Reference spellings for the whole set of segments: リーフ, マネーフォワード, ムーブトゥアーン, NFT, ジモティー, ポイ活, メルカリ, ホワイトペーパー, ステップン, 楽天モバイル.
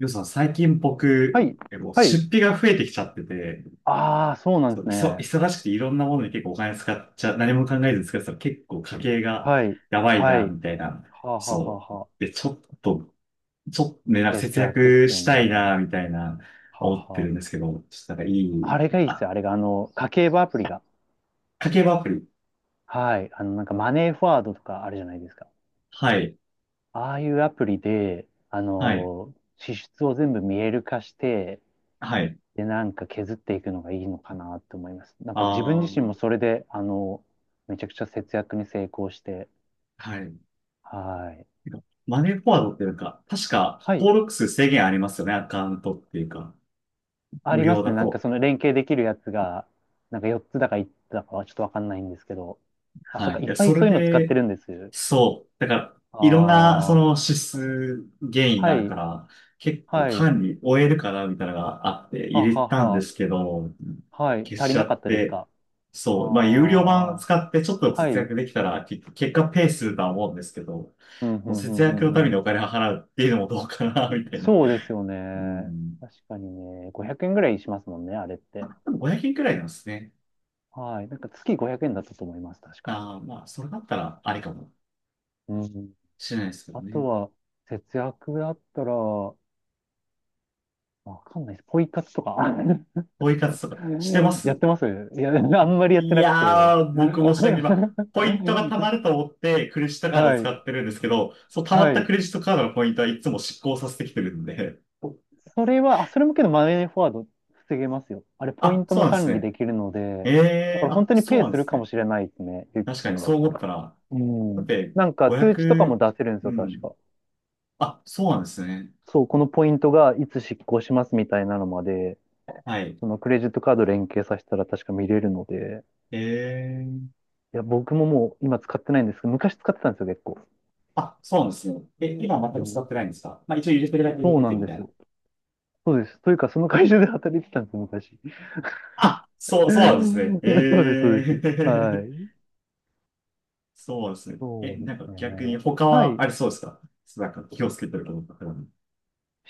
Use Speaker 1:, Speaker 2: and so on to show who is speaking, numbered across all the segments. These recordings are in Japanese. Speaker 1: ようさん、最近
Speaker 2: は
Speaker 1: 僕、
Speaker 2: い。
Speaker 1: もう
Speaker 2: は
Speaker 1: 出
Speaker 2: い。
Speaker 1: 費が増えてきちゃってて、
Speaker 2: ああ、そうなん
Speaker 1: そ
Speaker 2: で
Speaker 1: う、
Speaker 2: すね。
Speaker 1: 忙しくていろんなものに結構お金使っちゃ、何も考えず使ってたら結構家計が
Speaker 2: はい。
Speaker 1: やばい
Speaker 2: は
Speaker 1: な、
Speaker 2: い。
Speaker 1: みたいな。
Speaker 2: はあ、はあはあ
Speaker 1: そう。
Speaker 2: はあ。
Speaker 1: で、ちょっとね、なんか節
Speaker 2: 節約っ
Speaker 1: 約
Speaker 2: すよ
Speaker 1: したいな、
Speaker 2: ね。
Speaker 1: みたいな、
Speaker 2: は
Speaker 1: 思っ
Speaker 2: あ、
Speaker 1: てる
Speaker 2: は
Speaker 1: んですけど、ちょっとなんかい
Speaker 2: あ。あ
Speaker 1: い、
Speaker 2: れがいいっす
Speaker 1: あ、
Speaker 2: よ。あれが、家計簿アプリが。
Speaker 1: 家計簿アプリ。
Speaker 2: はい。あの、なんかマネーフォワードとかあるじゃないですか。
Speaker 1: はい、
Speaker 2: ああいうアプリで、
Speaker 1: はい、
Speaker 2: 支出を全部見える化して、
Speaker 1: はい。
Speaker 2: で、なんか削っていくのがいいのかなって思います。なん
Speaker 1: あ
Speaker 2: か自分自身
Speaker 1: ー、
Speaker 2: もそれで、めちゃくちゃ節約に成功して、
Speaker 1: はい。て
Speaker 2: はい。
Speaker 1: かマネーフォワードっていうか、確か
Speaker 2: はい。
Speaker 1: 登録数制限ありますよね、アカウントっていうか、
Speaker 2: あ
Speaker 1: 無
Speaker 2: りま
Speaker 1: 料
Speaker 2: す
Speaker 1: だ
Speaker 2: ね。なんか
Speaker 1: と。
Speaker 2: その連携できるやつが、なんか4つだか1つだかはちょっとわかんないんですけど。あ、そっ
Speaker 1: はい。
Speaker 2: か。
Speaker 1: い
Speaker 2: いっ
Speaker 1: や、
Speaker 2: ぱい
Speaker 1: そ
Speaker 2: そ
Speaker 1: れ
Speaker 2: ういうの使って
Speaker 1: で、
Speaker 2: るんです。
Speaker 1: そう。だから、
Speaker 2: あ
Speaker 1: いろんな、そ
Speaker 2: あ、
Speaker 1: の
Speaker 2: は
Speaker 1: 指数原因があるか
Speaker 2: い、
Speaker 1: ら、結構
Speaker 2: はい、
Speaker 1: 管理終えるかな、みたいなのがあって入
Speaker 2: は
Speaker 1: れ
Speaker 2: は
Speaker 1: たんで
Speaker 2: は、
Speaker 1: すけど、
Speaker 2: はい。
Speaker 1: 消
Speaker 2: 足
Speaker 1: し
Speaker 2: り
Speaker 1: ちゃ
Speaker 2: なかっ
Speaker 1: っ
Speaker 2: たです
Speaker 1: て、
Speaker 2: か？ああ
Speaker 1: そう。まあ、有料版
Speaker 2: ー、
Speaker 1: 使ってちょっと
Speaker 2: は
Speaker 1: 節
Speaker 2: い。
Speaker 1: 約できたら、結果ペイするとは思うんですけど、
Speaker 2: うん、う
Speaker 1: もう
Speaker 2: ん、う
Speaker 1: 節
Speaker 2: ん、う
Speaker 1: 約のため
Speaker 2: ん、う
Speaker 1: に
Speaker 2: ん。
Speaker 1: お金を払うっていうのもどうかな、みたいな。
Speaker 2: そうですよ
Speaker 1: う
Speaker 2: ね。
Speaker 1: ん。
Speaker 2: 確かにね。500円ぐらいしますもんね、あれって。
Speaker 1: あ、でも500円くらいなんですね。
Speaker 2: はい。なんか月500円だったと思います、確か。
Speaker 1: ああ、まあ、それだったらありかも
Speaker 2: うん。
Speaker 1: しれないですけど
Speaker 2: あと
Speaker 1: ね。
Speaker 2: は、節約だったら、わかんないです。ポイ活とか。
Speaker 1: ポイ活とかしてま
Speaker 2: やっ
Speaker 1: す？
Speaker 2: てます？いや、あんまりやって
Speaker 1: い
Speaker 2: なくて。
Speaker 1: やー、僕もしなければ、ポイントが貯まると思ってクレジットカードを
Speaker 2: は
Speaker 1: 使
Speaker 2: い。
Speaker 1: ってるんですけど、その貯まっ
Speaker 2: は
Speaker 1: た
Speaker 2: い。
Speaker 1: クレジットカードのポイントはいつも失効させてきてるんで、
Speaker 2: それは、あ、それもけどマネーフォワード防げますよ。あれ、ポイ
Speaker 1: あ、
Speaker 2: ント
Speaker 1: そう
Speaker 2: も
Speaker 1: なんです
Speaker 2: 管理
Speaker 1: ね。
Speaker 2: できるので、だ
Speaker 1: え
Speaker 2: から
Speaker 1: ー、
Speaker 2: 本
Speaker 1: あ、
Speaker 2: 当に
Speaker 1: そう
Speaker 2: ペイ
Speaker 1: なん
Speaker 2: す
Speaker 1: で
Speaker 2: る
Speaker 1: す
Speaker 2: か
Speaker 1: ね。
Speaker 2: もしれないですね。ゆき
Speaker 1: 確
Speaker 2: さ
Speaker 1: かに
Speaker 2: んだ
Speaker 1: そう
Speaker 2: った
Speaker 1: 思っ
Speaker 2: ら。
Speaker 1: たら、
Speaker 2: う
Speaker 1: だっ
Speaker 2: ん。
Speaker 1: て
Speaker 2: なんか通知とかも
Speaker 1: 500、
Speaker 2: 出せるんです
Speaker 1: う
Speaker 2: よ、確
Speaker 1: ん。
Speaker 2: か。
Speaker 1: あ、そうなんですね。
Speaker 2: そう、このポイントがいつ執行しますみたいなのまで、
Speaker 1: はい。
Speaker 2: そのクレジットカード連携させたら確か見れるので、
Speaker 1: えー、
Speaker 2: いや、僕ももう今使ってないんですけど、昔使ってたんですよ、結構。
Speaker 1: あ、そうなんですね。え、今は全
Speaker 2: う
Speaker 1: く使
Speaker 2: ん。
Speaker 1: ってないんですか？まあ一応入れてるだけ入れ
Speaker 2: そう
Speaker 1: て
Speaker 2: な
Speaker 1: て
Speaker 2: ん
Speaker 1: み
Speaker 2: で
Speaker 1: たい
Speaker 2: す
Speaker 1: な。
Speaker 2: よ。そうです。というか、その会社で働いてたんです、昔。
Speaker 1: あ、そう、そうなんですね。え
Speaker 2: そうです、そうです。は
Speaker 1: ー。
Speaker 2: い。
Speaker 1: そうですね。
Speaker 2: そ
Speaker 1: え、
Speaker 2: うで
Speaker 1: なん
Speaker 2: す
Speaker 1: か逆に
Speaker 2: ね。
Speaker 1: 他
Speaker 2: は
Speaker 1: は
Speaker 2: い。
Speaker 1: ありそうですか？なんか気をつけてることとか。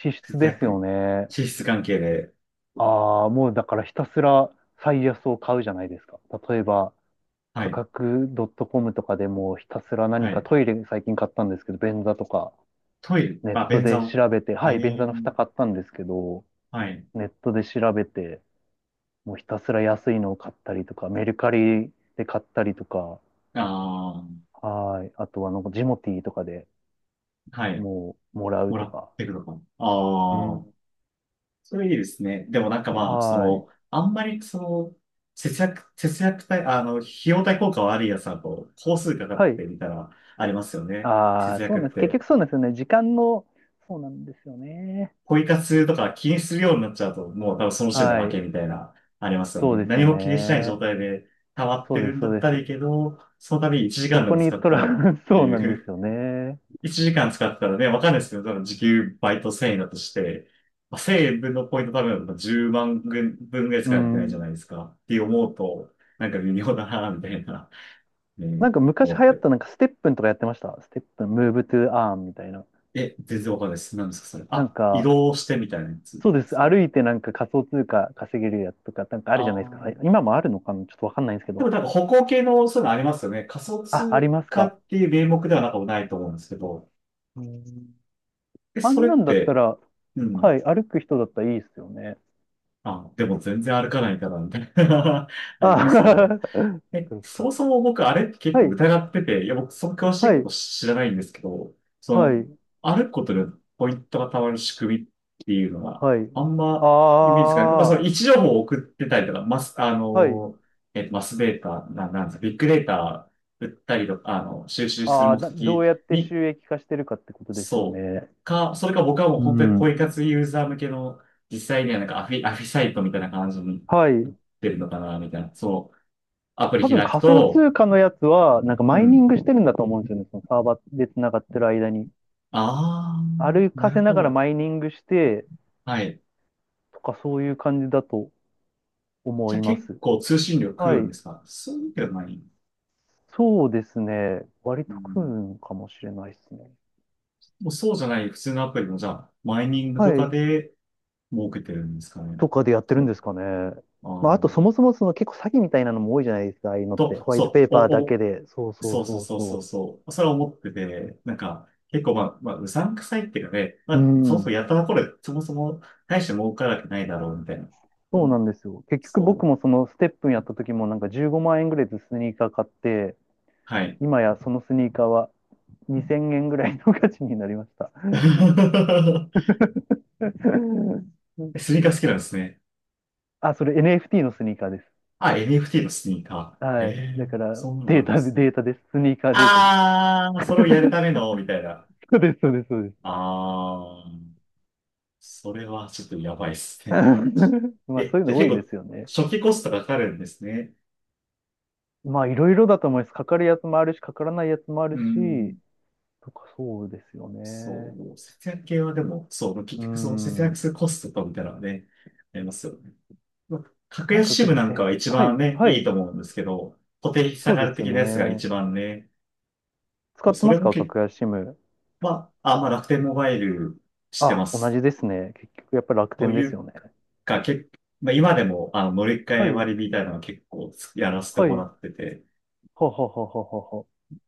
Speaker 2: 支出ですよ
Speaker 1: 逆。
Speaker 2: ね。
Speaker 1: 脂質関係で。
Speaker 2: ああ、もうだからひたすら最安を買うじゃないですか。例えば、
Speaker 1: は
Speaker 2: 価
Speaker 1: い。
Speaker 2: 格 .com とかでもひたすら何
Speaker 1: は
Speaker 2: か
Speaker 1: い。
Speaker 2: トイレ最近買ったんですけど、便座とか、
Speaker 1: トイレ。
Speaker 2: ネッ
Speaker 1: あ、
Speaker 2: ト
Speaker 1: 便座
Speaker 2: で
Speaker 1: を。
Speaker 2: 調べて、
Speaker 1: え
Speaker 2: はい、便
Speaker 1: え、
Speaker 2: 座の蓋買ったんですけど、
Speaker 1: はい。
Speaker 2: ネットで調べて、もうひたすら安いのを買ったりとか、メルカリで買ったりとか、
Speaker 1: ああ、
Speaker 2: はい。あとは、なんか、ジモティーとかで
Speaker 1: はい。
Speaker 2: もう、もらう
Speaker 1: もら
Speaker 2: と
Speaker 1: っ
Speaker 2: か。
Speaker 1: てくのか。
Speaker 2: う
Speaker 1: ああ、
Speaker 2: ん。
Speaker 1: それいいですね。でもなんかまあ、そ
Speaker 2: はい。
Speaker 1: の、あんまりその、節約、節約対、あの、費用対効果悪いやつだと、工数かか
Speaker 2: は
Speaker 1: って
Speaker 2: い。
Speaker 1: みたら、ありますよね。
Speaker 2: あ
Speaker 1: 節
Speaker 2: あ、そ
Speaker 1: 約
Speaker 2: う
Speaker 1: っ
Speaker 2: なんです。結
Speaker 1: て。
Speaker 2: 局そうなんですよね。時間の、そうなんですよね。
Speaker 1: ポイ活とか気にするようになっちゃうと、もう多分その時点で負
Speaker 2: は
Speaker 1: け
Speaker 2: い。
Speaker 1: みたいな、ありますよ
Speaker 2: そう
Speaker 1: ね。
Speaker 2: です
Speaker 1: 何
Speaker 2: よ
Speaker 1: も気にしない状
Speaker 2: ね。
Speaker 1: 態で溜まっ
Speaker 2: そ
Speaker 1: て
Speaker 2: うで
Speaker 1: る
Speaker 2: す、
Speaker 1: んだ
Speaker 2: そう
Speaker 1: っ
Speaker 2: で
Speaker 1: たらいい
Speaker 2: す。
Speaker 1: けど、その度に1時
Speaker 2: そ
Speaker 1: 間で
Speaker 2: こ
Speaker 1: も
Speaker 2: に
Speaker 1: 使っ
Speaker 2: ト
Speaker 1: た
Speaker 2: ラ、
Speaker 1: らっ て
Speaker 2: そうなん
Speaker 1: い
Speaker 2: です
Speaker 1: う、
Speaker 2: よ ね。
Speaker 1: 1時間使ったらね、わかんないですけど、多分時給バイト1000円だとして、まあ、1000円分のポイント多分10万分ぐらいし
Speaker 2: う
Speaker 1: かやってないじゃ
Speaker 2: ん。
Speaker 1: ないですか。って思うと、なんか微妙だな、みたいな、ね、
Speaker 2: なんか昔
Speaker 1: 思っ
Speaker 2: 流行っ
Speaker 1: て。
Speaker 2: たなんかステップンとかやってました。ステップン、ムーブトゥアーンみたいな。
Speaker 1: え、全然わかんないです。何ですか、それ。
Speaker 2: なん
Speaker 1: あ、移
Speaker 2: か、
Speaker 1: 動してみたいなやつで
Speaker 2: そうです。
Speaker 1: すか？
Speaker 2: 歩いてなんか仮想通貨稼げるやつとか、なんかあ
Speaker 1: あ
Speaker 2: るじゃないですか。はい、
Speaker 1: あ。
Speaker 2: 今もあるのかなちょっとわかんないんですけ
Speaker 1: で
Speaker 2: ど。
Speaker 1: もなんか歩行系のそういうのありますよね。仮想
Speaker 2: あ、あり
Speaker 1: 通
Speaker 2: ます
Speaker 1: 貨
Speaker 2: か？
Speaker 1: っていう名目ではなんかもないと思うんですけど。
Speaker 2: うん。
Speaker 1: え、
Speaker 2: あ
Speaker 1: そ
Speaker 2: ん
Speaker 1: れっ
Speaker 2: なんだった
Speaker 1: て、
Speaker 2: ら、
Speaker 1: う
Speaker 2: は
Speaker 1: ん。
Speaker 2: い、歩く人だったらいいですよね。
Speaker 1: あ、でも全然歩かないからみたいな ありますけど。
Speaker 2: あ、
Speaker 1: え、
Speaker 2: そっ
Speaker 1: そ
Speaker 2: か。
Speaker 1: もそも僕、あれって結
Speaker 2: は
Speaker 1: 構
Speaker 2: い、
Speaker 1: 疑ってて、いや、僕、その詳しい
Speaker 2: は
Speaker 1: こと
Speaker 2: い、
Speaker 1: 知らないんですけど、そ
Speaker 2: は
Speaker 1: の、
Speaker 2: い、
Speaker 1: 歩くことでポイントがたまる仕組みっていうのは、
Speaker 2: はい。
Speaker 1: あんまイメージつかない。まあ、そ
Speaker 2: あ
Speaker 1: の位置情報を送ってたりとか、マス、あ
Speaker 2: あ、はい。
Speaker 1: の、えっと、マスデータ、なんですか、ビッグデータ売ったりとか、収集する
Speaker 2: ああ、
Speaker 1: 目
Speaker 2: など
Speaker 1: 的
Speaker 2: うやって
Speaker 1: に、
Speaker 2: 収益化してるかってことですよ
Speaker 1: そう
Speaker 2: ね。
Speaker 1: か、それか僕はもう
Speaker 2: う
Speaker 1: 本当にポイ
Speaker 2: ん。
Speaker 1: 活ユーザー向けの、実際にはなんかアフィサイトみたいな感じに
Speaker 2: は
Speaker 1: な
Speaker 2: い。
Speaker 1: ってるのかな、みたいな、そう。アプリ
Speaker 2: 多分
Speaker 1: 開く
Speaker 2: 仮想
Speaker 1: と、
Speaker 2: 通貨のやつは、なんか
Speaker 1: う
Speaker 2: マイニ
Speaker 1: ん。
Speaker 2: ングしてるんだと思うんですよね。そのサーバーで繋がってる間に。
Speaker 1: ああ、
Speaker 2: 歩
Speaker 1: な
Speaker 2: か
Speaker 1: る
Speaker 2: せな
Speaker 1: ほ
Speaker 2: がら
Speaker 1: ど。
Speaker 2: マイニングして、
Speaker 1: はい。
Speaker 2: とかそういう感じだと
Speaker 1: じ
Speaker 2: 思
Speaker 1: ゃ
Speaker 2: い
Speaker 1: あ
Speaker 2: ま
Speaker 1: 結
Speaker 2: す。
Speaker 1: 構通信量食
Speaker 2: は
Speaker 1: うんで
Speaker 2: い。
Speaker 1: すか？そういうわけではない。
Speaker 2: そうですね。割
Speaker 1: う
Speaker 2: と食う
Speaker 1: ん。
Speaker 2: んかもしれないですね。
Speaker 1: もうそうじゃない普通のアプリもじゃあ、マイニング
Speaker 2: は
Speaker 1: とか
Speaker 2: い。
Speaker 1: で儲けてるんですかね。
Speaker 2: とかでやってるん
Speaker 1: と、
Speaker 2: ですかね。
Speaker 1: あ
Speaker 2: まあ、あと
Speaker 1: ー
Speaker 2: そもそもその結構詐欺みたいなのも多いじゃないですか、ああいうのって。
Speaker 1: と、
Speaker 2: ホワイトペ
Speaker 1: そ
Speaker 2: ー
Speaker 1: う、
Speaker 2: パー
Speaker 1: お、
Speaker 2: だけ
Speaker 1: お、
Speaker 2: で。そうそう
Speaker 1: そうそう
Speaker 2: そう
Speaker 1: そうそう
Speaker 2: そ
Speaker 1: そう。それは思ってて、なんか、結構まあ、うさんくさいっていうかね、ま
Speaker 2: う。う
Speaker 1: あ、そもそも
Speaker 2: ん。
Speaker 1: やったところで、そもそも大して儲からないだろうみたいな。
Speaker 2: そ
Speaker 1: う
Speaker 2: うな
Speaker 1: ん、
Speaker 2: んですよ。結局僕
Speaker 1: そ
Speaker 2: も
Speaker 1: う。
Speaker 2: そのステップンやった時もなんか15万円ぐらいでスニーカー買って、
Speaker 1: はい。
Speaker 2: 今やそのスニーカーは2000円ぐらいの価値になりました。
Speaker 1: スニーカー好きなんですね。
Speaker 2: あ、それ NFT のスニーカーです。
Speaker 1: あ、NFT のスニーカー。え
Speaker 2: はい。だ
Speaker 1: え、
Speaker 2: から
Speaker 1: そんなのがあ
Speaker 2: デー
Speaker 1: るんで
Speaker 2: タで、
Speaker 1: すね。
Speaker 2: データです。スニーカーデータです。
Speaker 1: あー、それをやるための、みたいな。
Speaker 2: そうです、そうです、そうです。
Speaker 1: あー、それはちょっとやばいです ね。
Speaker 2: まあそ
Speaker 1: え、
Speaker 2: ういう
Speaker 1: じゃ
Speaker 2: の
Speaker 1: あ
Speaker 2: 多
Speaker 1: 結
Speaker 2: いです
Speaker 1: 構、
Speaker 2: よね。
Speaker 1: 初期コストがかかるんですね。
Speaker 2: まあいろいろだと思います。かかるやつもあるし、かからないやつもある
Speaker 1: う
Speaker 2: し、
Speaker 1: ん、
Speaker 2: とかそうですよ
Speaker 1: そ
Speaker 2: ね。
Speaker 1: う、節約系はでも、そう、
Speaker 2: う
Speaker 1: 結局その節約
Speaker 2: ん。
Speaker 1: するコストとみたいなのはね、ありますよね。まあ格
Speaker 2: なん
Speaker 1: 安
Speaker 2: か
Speaker 1: 支
Speaker 2: け
Speaker 1: 部
Speaker 2: ど
Speaker 1: なんか
Speaker 2: せ、
Speaker 1: は一
Speaker 2: は
Speaker 1: 番
Speaker 2: い、
Speaker 1: ね、
Speaker 2: は
Speaker 1: いい
Speaker 2: い、
Speaker 1: と思うんですけど、固定費
Speaker 2: そ
Speaker 1: 下
Speaker 2: う
Speaker 1: が
Speaker 2: で
Speaker 1: る
Speaker 2: すよ
Speaker 1: 的なやつが
Speaker 2: ね。
Speaker 1: 一番ね、
Speaker 2: 使って
Speaker 1: そ
Speaker 2: ま
Speaker 1: れ
Speaker 2: す
Speaker 1: も
Speaker 2: か？
Speaker 1: け、
Speaker 2: 格安 SIM。
Speaker 1: まあ、あ、まあ楽天モバイルして
Speaker 2: あ、
Speaker 1: ま
Speaker 2: 同
Speaker 1: す。
Speaker 2: じですね。結局やっぱり楽
Speaker 1: と
Speaker 2: 天で
Speaker 1: い
Speaker 2: す
Speaker 1: う
Speaker 2: よね。
Speaker 1: か、まあ、今でも、乗り換
Speaker 2: は
Speaker 1: え
Speaker 2: い、
Speaker 1: 割みたいなのは結構やらせて
Speaker 2: は
Speaker 1: もら
Speaker 2: い、
Speaker 1: ってて、
Speaker 2: はははははは。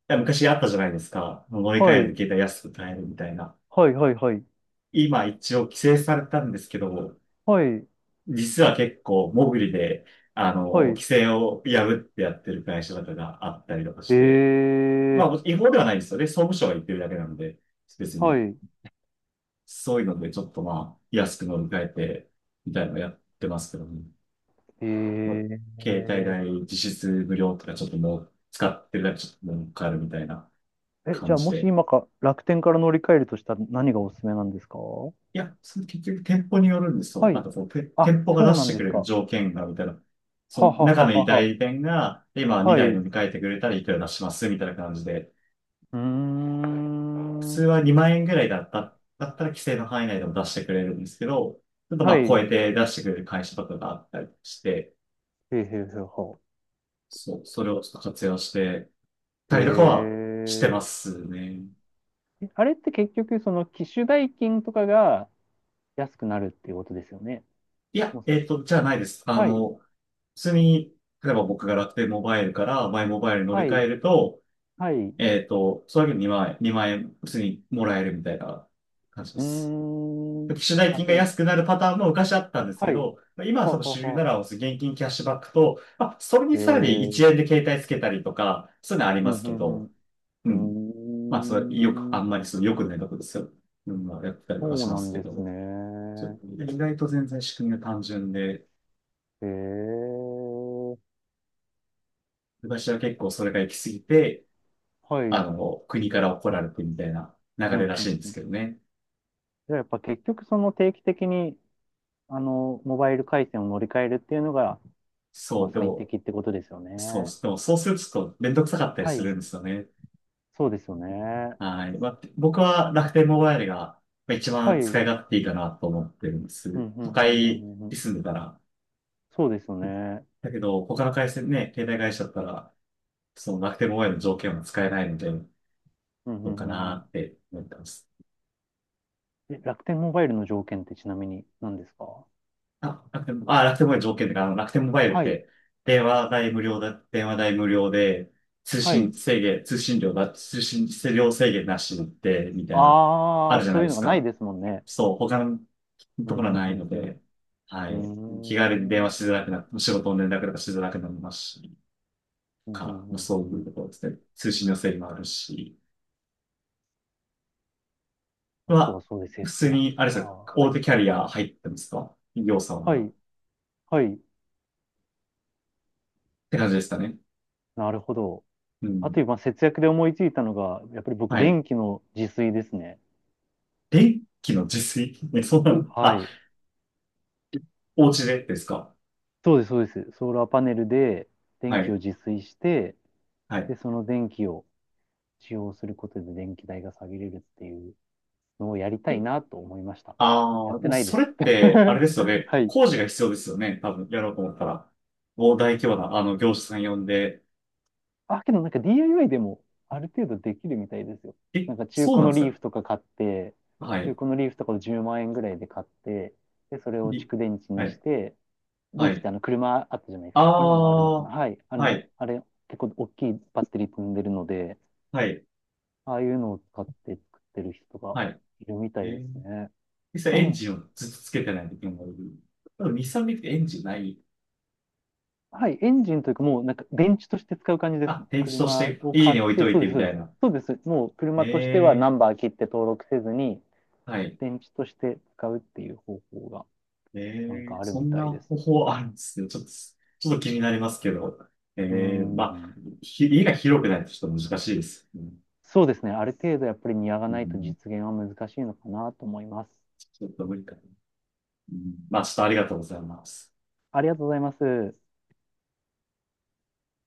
Speaker 1: 昔あったじゃないですか。乗り換
Speaker 2: は
Speaker 1: えで
Speaker 2: い、
Speaker 1: 携帯安く買えるみたいな。
Speaker 2: はい、はい、はい、
Speaker 1: 今一応規制されたんですけど、
Speaker 2: はい、
Speaker 1: 実は結構、モグリで、
Speaker 2: は
Speaker 1: 規
Speaker 2: い。
Speaker 1: 制を破ってやってる会社とかがあったりとか
Speaker 2: え
Speaker 1: して、ま
Speaker 2: ー、
Speaker 1: あ、違法ではないですよね。総務省が言ってるだけなので、別に、
Speaker 2: はい、
Speaker 1: そういうのでちょっとまあ、安く乗り換えて、みたいなのやってますけどね。
Speaker 2: え
Speaker 1: もう
Speaker 2: ー。
Speaker 1: 携帯代実質無料とか、ちょっともう使ってるだけちょっと儲かるみたいな
Speaker 2: え、じ
Speaker 1: 感
Speaker 2: ゃあ
Speaker 1: じ
Speaker 2: もし
Speaker 1: で。
Speaker 2: 今か楽天から乗り換えるとしたら何がおすすめなんですか？は
Speaker 1: いや、その結局店舗によるんですよ。なん
Speaker 2: い。
Speaker 1: かそう、
Speaker 2: あ、
Speaker 1: 店舗が
Speaker 2: そ
Speaker 1: 出
Speaker 2: うな
Speaker 1: し
Speaker 2: ん
Speaker 1: て
Speaker 2: で
Speaker 1: く
Speaker 2: す
Speaker 1: れる
Speaker 2: か。
Speaker 1: 条件が、みたいな。その
Speaker 2: はは
Speaker 1: 中
Speaker 2: はは
Speaker 1: の
Speaker 2: は
Speaker 1: 代
Speaker 2: は。
Speaker 1: 理店が、今
Speaker 2: は
Speaker 1: 2台
Speaker 2: い。
Speaker 1: 飲
Speaker 2: う
Speaker 1: み替えてくれたらいくら出しますみたいな感じで。
Speaker 2: ー
Speaker 1: 普通
Speaker 2: ん。
Speaker 1: は2万円ぐらいだったら規制の範囲内でも出してくれるんですけど、ちょっとま
Speaker 2: は
Speaker 1: あ超
Speaker 2: い。
Speaker 1: え
Speaker 2: へ
Speaker 1: て出してくれる会社とかがあったりして、
Speaker 2: えへえへえは。
Speaker 1: そう、それをちょっと活用して
Speaker 2: へ
Speaker 1: たりとかはしてま
Speaker 2: え。
Speaker 1: すね。
Speaker 2: えあれって結局その機種代金とかが安くなるっていうことですよね。
Speaker 1: いや、
Speaker 2: もう
Speaker 1: じゃあないです。
Speaker 2: はい。
Speaker 1: 普通に、例えば僕が楽天モバイルからマイモバイルに乗り
Speaker 2: は
Speaker 1: 換え
Speaker 2: い。
Speaker 1: ると、
Speaker 2: はい。う
Speaker 1: それだけで2万円普通にもらえるみたいな感じで
Speaker 2: ー
Speaker 1: す。
Speaker 2: ん。
Speaker 1: 機種代
Speaker 2: あ、
Speaker 1: 金が
Speaker 2: じゃあ、
Speaker 1: 安くなるパターンも昔あったんですけ
Speaker 2: はい。
Speaker 1: ど、まあ今はそ
Speaker 2: は
Speaker 1: の
Speaker 2: は
Speaker 1: 主流な
Speaker 2: は。
Speaker 1: ら現金キャッシュバックと、まあ、それに
Speaker 2: へえ。
Speaker 1: さらに
Speaker 2: う
Speaker 1: 1
Speaker 2: ん
Speaker 1: 円で携帯つけたりとか、そういうのあり
Speaker 2: うん
Speaker 1: ますけ
Speaker 2: う
Speaker 1: ど、
Speaker 2: ん。
Speaker 1: う
Speaker 2: う
Speaker 1: ん。
Speaker 2: ー
Speaker 1: まあ、それよく、あ
Speaker 2: ん。
Speaker 1: んまりその良くないとこですよ。うん、まあ、やってたり
Speaker 2: そ
Speaker 1: とかし
Speaker 2: う
Speaker 1: ま
Speaker 2: な
Speaker 1: す
Speaker 2: ん
Speaker 1: け
Speaker 2: です
Speaker 1: ど、ちょっ
Speaker 2: ね。
Speaker 1: と意外と全然仕組みが単純で、
Speaker 2: へえ。
Speaker 1: 私は結構それが行き過ぎて、
Speaker 2: はい。
Speaker 1: 国から怒られてみたいな流
Speaker 2: う
Speaker 1: れ
Speaker 2: ん、
Speaker 1: ら
Speaker 2: う
Speaker 1: し
Speaker 2: ん、
Speaker 1: いんで
Speaker 2: う
Speaker 1: す
Speaker 2: ん。
Speaker 1: けどね。
Speaker 2: じゃあやっぱ結局その定期的に、モバイル回線を乗り換えるっていうのが、ま
Speaker 1: そ
Speaker 2: あ
Speaker 1: う、で
Speaker 2: 最
Speaker 1: も、
Speaker 2: 適ってことですよ
Speaker 1: そう、
Speaker 2: ね。
Speaker 1: でもそうするとちょっとめんどくさかったり
Speaker 2: は
Speaker 1: する
Speaker 2: い。
Speaker 1: んですよね。
Speaker 2: そうですよね。
Speaker 1: はい。まあ、僕は楽天モバイルがまあ一
Speaker 2: はい。
Speaker 1: 番
Speaker 2: う
Speaker 1: 使い
Speaker 2: ん、
Speaker 1: 勝手いいかなと思ってるんで
Speaker 2: う
Speaker 1: す。
Speaker 2: ん、う
Speaker 1: 都
Speaker 2: ん、う
Speaker 1: 会
Speaker 2: ん、う
Speaker 1: に
Speaker 2: ん。
Speaker 1: 住んでたら。
Speaker 2: そうですよね。
Speaker 1: だけど、他の回線ね、携帯会社だったら、その楽天モバイルの条件は使えないので、
Speaker 2: うん、う
Speaker 1: どう
Speaker 2: ん、
Speaker 1: か
Speaker 2: うん、うん。
Speaker 1: なって思ってます。
Speaker 2: え、楽天モバイルの条件ってちなみに何ですか？
Speaker 1: あ、楽天モバイル条件で、楽天モバイルっ
Speaker 2: はい。
Speaker 1: て、電話代無料で、
Speaker 2: はい。
Speaker 1: 通信量制限なしで、みたいな、あ
Speaker 2: あ
Speaker 1: る
Speaker 2: あ、
Speaker 1: じゃな
Speaker 2: そ
Speaker 1: い
Speaker 2: うい
Speaker 1: で
Speaker 2: うの
Speaker 1: す
Speaker 2: がない
Speaker 1: か。
Speaker 2: ですもんね。
Speaker 1: そう、他の
Speaker 2: う
Speaker 1: と
Speaker 2: ん、
Speaker 1: ころは
Speaker 2: う
Speaker 1: ないの
Speaker 2: ん、うん、
Speaker 1: で、は
Speaker 2: う
Speaker 1: い、気軽に
Speaker 2: ん。
Speaker 1: 電
Speaker 2: うー
Speaker 1: 話しづらくなっ
Speaker 2: ん。
Speaker 1: て、仕事の連絡とかしづらくなりますし、
Speaker 2: うんうん
Speaker 1: から、
Speaker 2: う
Speaker 1: まあ、
Speaker 2: んうん
Speaker 1: そうい
Speaker 2: う
Speaker 1: う
Speaker 2: ん。
Speaker 1: ところですね。通信の制限もあるし、
Speaker 2: あとは
Speaker 1: は、
Speaker 2: そうです。
Speaker 1: 普
Speaker 2: 節
Speaker 1: 通に、
Speaker 2: 約
Speaker 1: あれ
Speaker 2: か。
Speaker 1: ですよ、
Speaker 2: は
Speaker 1: 大
Speaker 2: い。
Speaker 1: 手キャリア入ってますか？企業さん
Speaker 2: は
Speaker 1: は。っ
Speaker 2: い。はい。
Speaker 1: て感じですかね。
Speaker 2: なるほど。
Speaker 1: う
Speaker 2: あと
Speaker 1: ん。
Speaker 2: 今、節約で思いついたのが、やっぱり僕、
Speaker 1: はい。
Speaker 2: 電気の自炊ですね。
Speaker 1: 電気の自炊。え、そうなの？
Speaker 2: は
Speaker 1: あ、
Speaker 2: い。
Speaker 1: お家でですか？
Speaker 2: そうです、そうです。ソーラーパネルで
Speaker 1: は
Speaker 2: 電気を
Speaker 1: い。
Speaker 2: 自炊して、
Speaker 1: はい。
Speaker 2: で、その電気を使用することで電気代が下げれるっていうのをやりたい
Speaker 1: え、
Speaker 2: なと思いました。
Speaker 1: あ
Speaker 2: やっ
Speaker 1: あ、で
Speaker 2: て
Speaker 1: も
Speaker 2: ない
Speaker 1: そ
Speaker 2: で
Speaker 1: れっ
Speaker 2: す。
Speaker 1: て、あれですよね。
Speaker 2: はい。
Speaker 1: 工事が必要ですよね。多分、やろうと思ったら。もう大規模な、業者さん呼んで。
Speaker 2: あ、けどなんか DIY でもある程度できるみたいですよ。
Speaker 1: え、
Speaker 2: なんか中
Speaker 1: そう
Speaker 2: 古
Speaker 1: なん
Speaker 2: の
Speaker 1: です
Speaker 2: リー
Speaker 1: か？
Speaker 2: フとか買って、
Speaker 1: は
Speaker 2: 中
Speaker 1: い。
Speaker 2: 古のリーフとかを10万円ぐらいで買って、で、それを
Speaker 1: い
Speaker 2: 蓄電池
Speaker 1: は
Speaker 2: にし
Speaker 1: い。
Speaker 2: て、リー
Speaker 1: は
Speaker 2: フって
Speaker 1: い。
Speaker 2: あの車あったじゃないです
Speaker 1: あ
Speaker 2: か。今もあるのかな。
Speaker 1: あ、
Speaker 2: はい。あ
Speaker 1: は
Speaker 2: の、
Speaker 1: い。
Speaker 2: あれ、結構大きいバッテリー積んでるので、
Speaker 1: はい。
Speaker 2: ああいうのを使って作ってる人が
Speaker 1: はい。
Speaker 2: いるみた
Speaker 1: え
Speaker 2: いで
Speaker 1: ー、
Speaker 2: すね。
Speaker 1: 実
Speaker 2: う
Speaker 1: 際エン
Speaker 2: ん。
Speaker 1: ジンをずっとつけてない時もいる。多分、日産見てエンジンない。
Speaker 2: はい。エンジンというかもうなんか電池として使う感じです
Speaker 1: あ、
Speaker 2: ね。
Speaker 1: 電池とし
Speaker 2: 車
Speaker 1: て
Speaker 2: を
Speaker 1: 家
Speaker 2: 買っ
Speaker 1: に置い
Speaker 2: て、
Speaker 1: とい
Speaker 2: そう
Speaker 1: て
Speaker 2: です、
Speaker 1: み
Speaker 2: そう
Speaker 1: た
Speaker 2: です。
Speaker 1: いな。
Speaker 2: そうです。もう
Speaker 1: ね
Speaker 2: 車としてはナ
Speaker 1: え、
Speaker 2: ンバー切って登録せずに、
Speaker 1: はい。
Speaker 2: 電池として使うっていう方法が
Speaker 1: え
Speaker 2: なんか
Speaker 1: え、
Speaker 2: ある
Speaker 1: そ
Speaker 2: み
Speaker 1: ん
Speaker 2: たい
Speaker 1: な
Speaker 2: です。
Speaker 1: 方法あるんですね。ちょっと気になりますけど。
Speaker 2: うー
Speaker 1: ええ、まあ、
Speaker 2: ん。
Speaker 1: 家が広くないとちょっと難しいですよね。
Speaker 2: そうですね。ある程度やっぱりニアが
Speaker 1: う
Speaker 2: ないと実
Speaker 1: ん、
Speaker 2: 現は難しいのかなと思います。
Speaker 1: ちょっと無理かな。うん、まあ、ちょっとありがとうございます。
Speaker 2: ありがとうございます。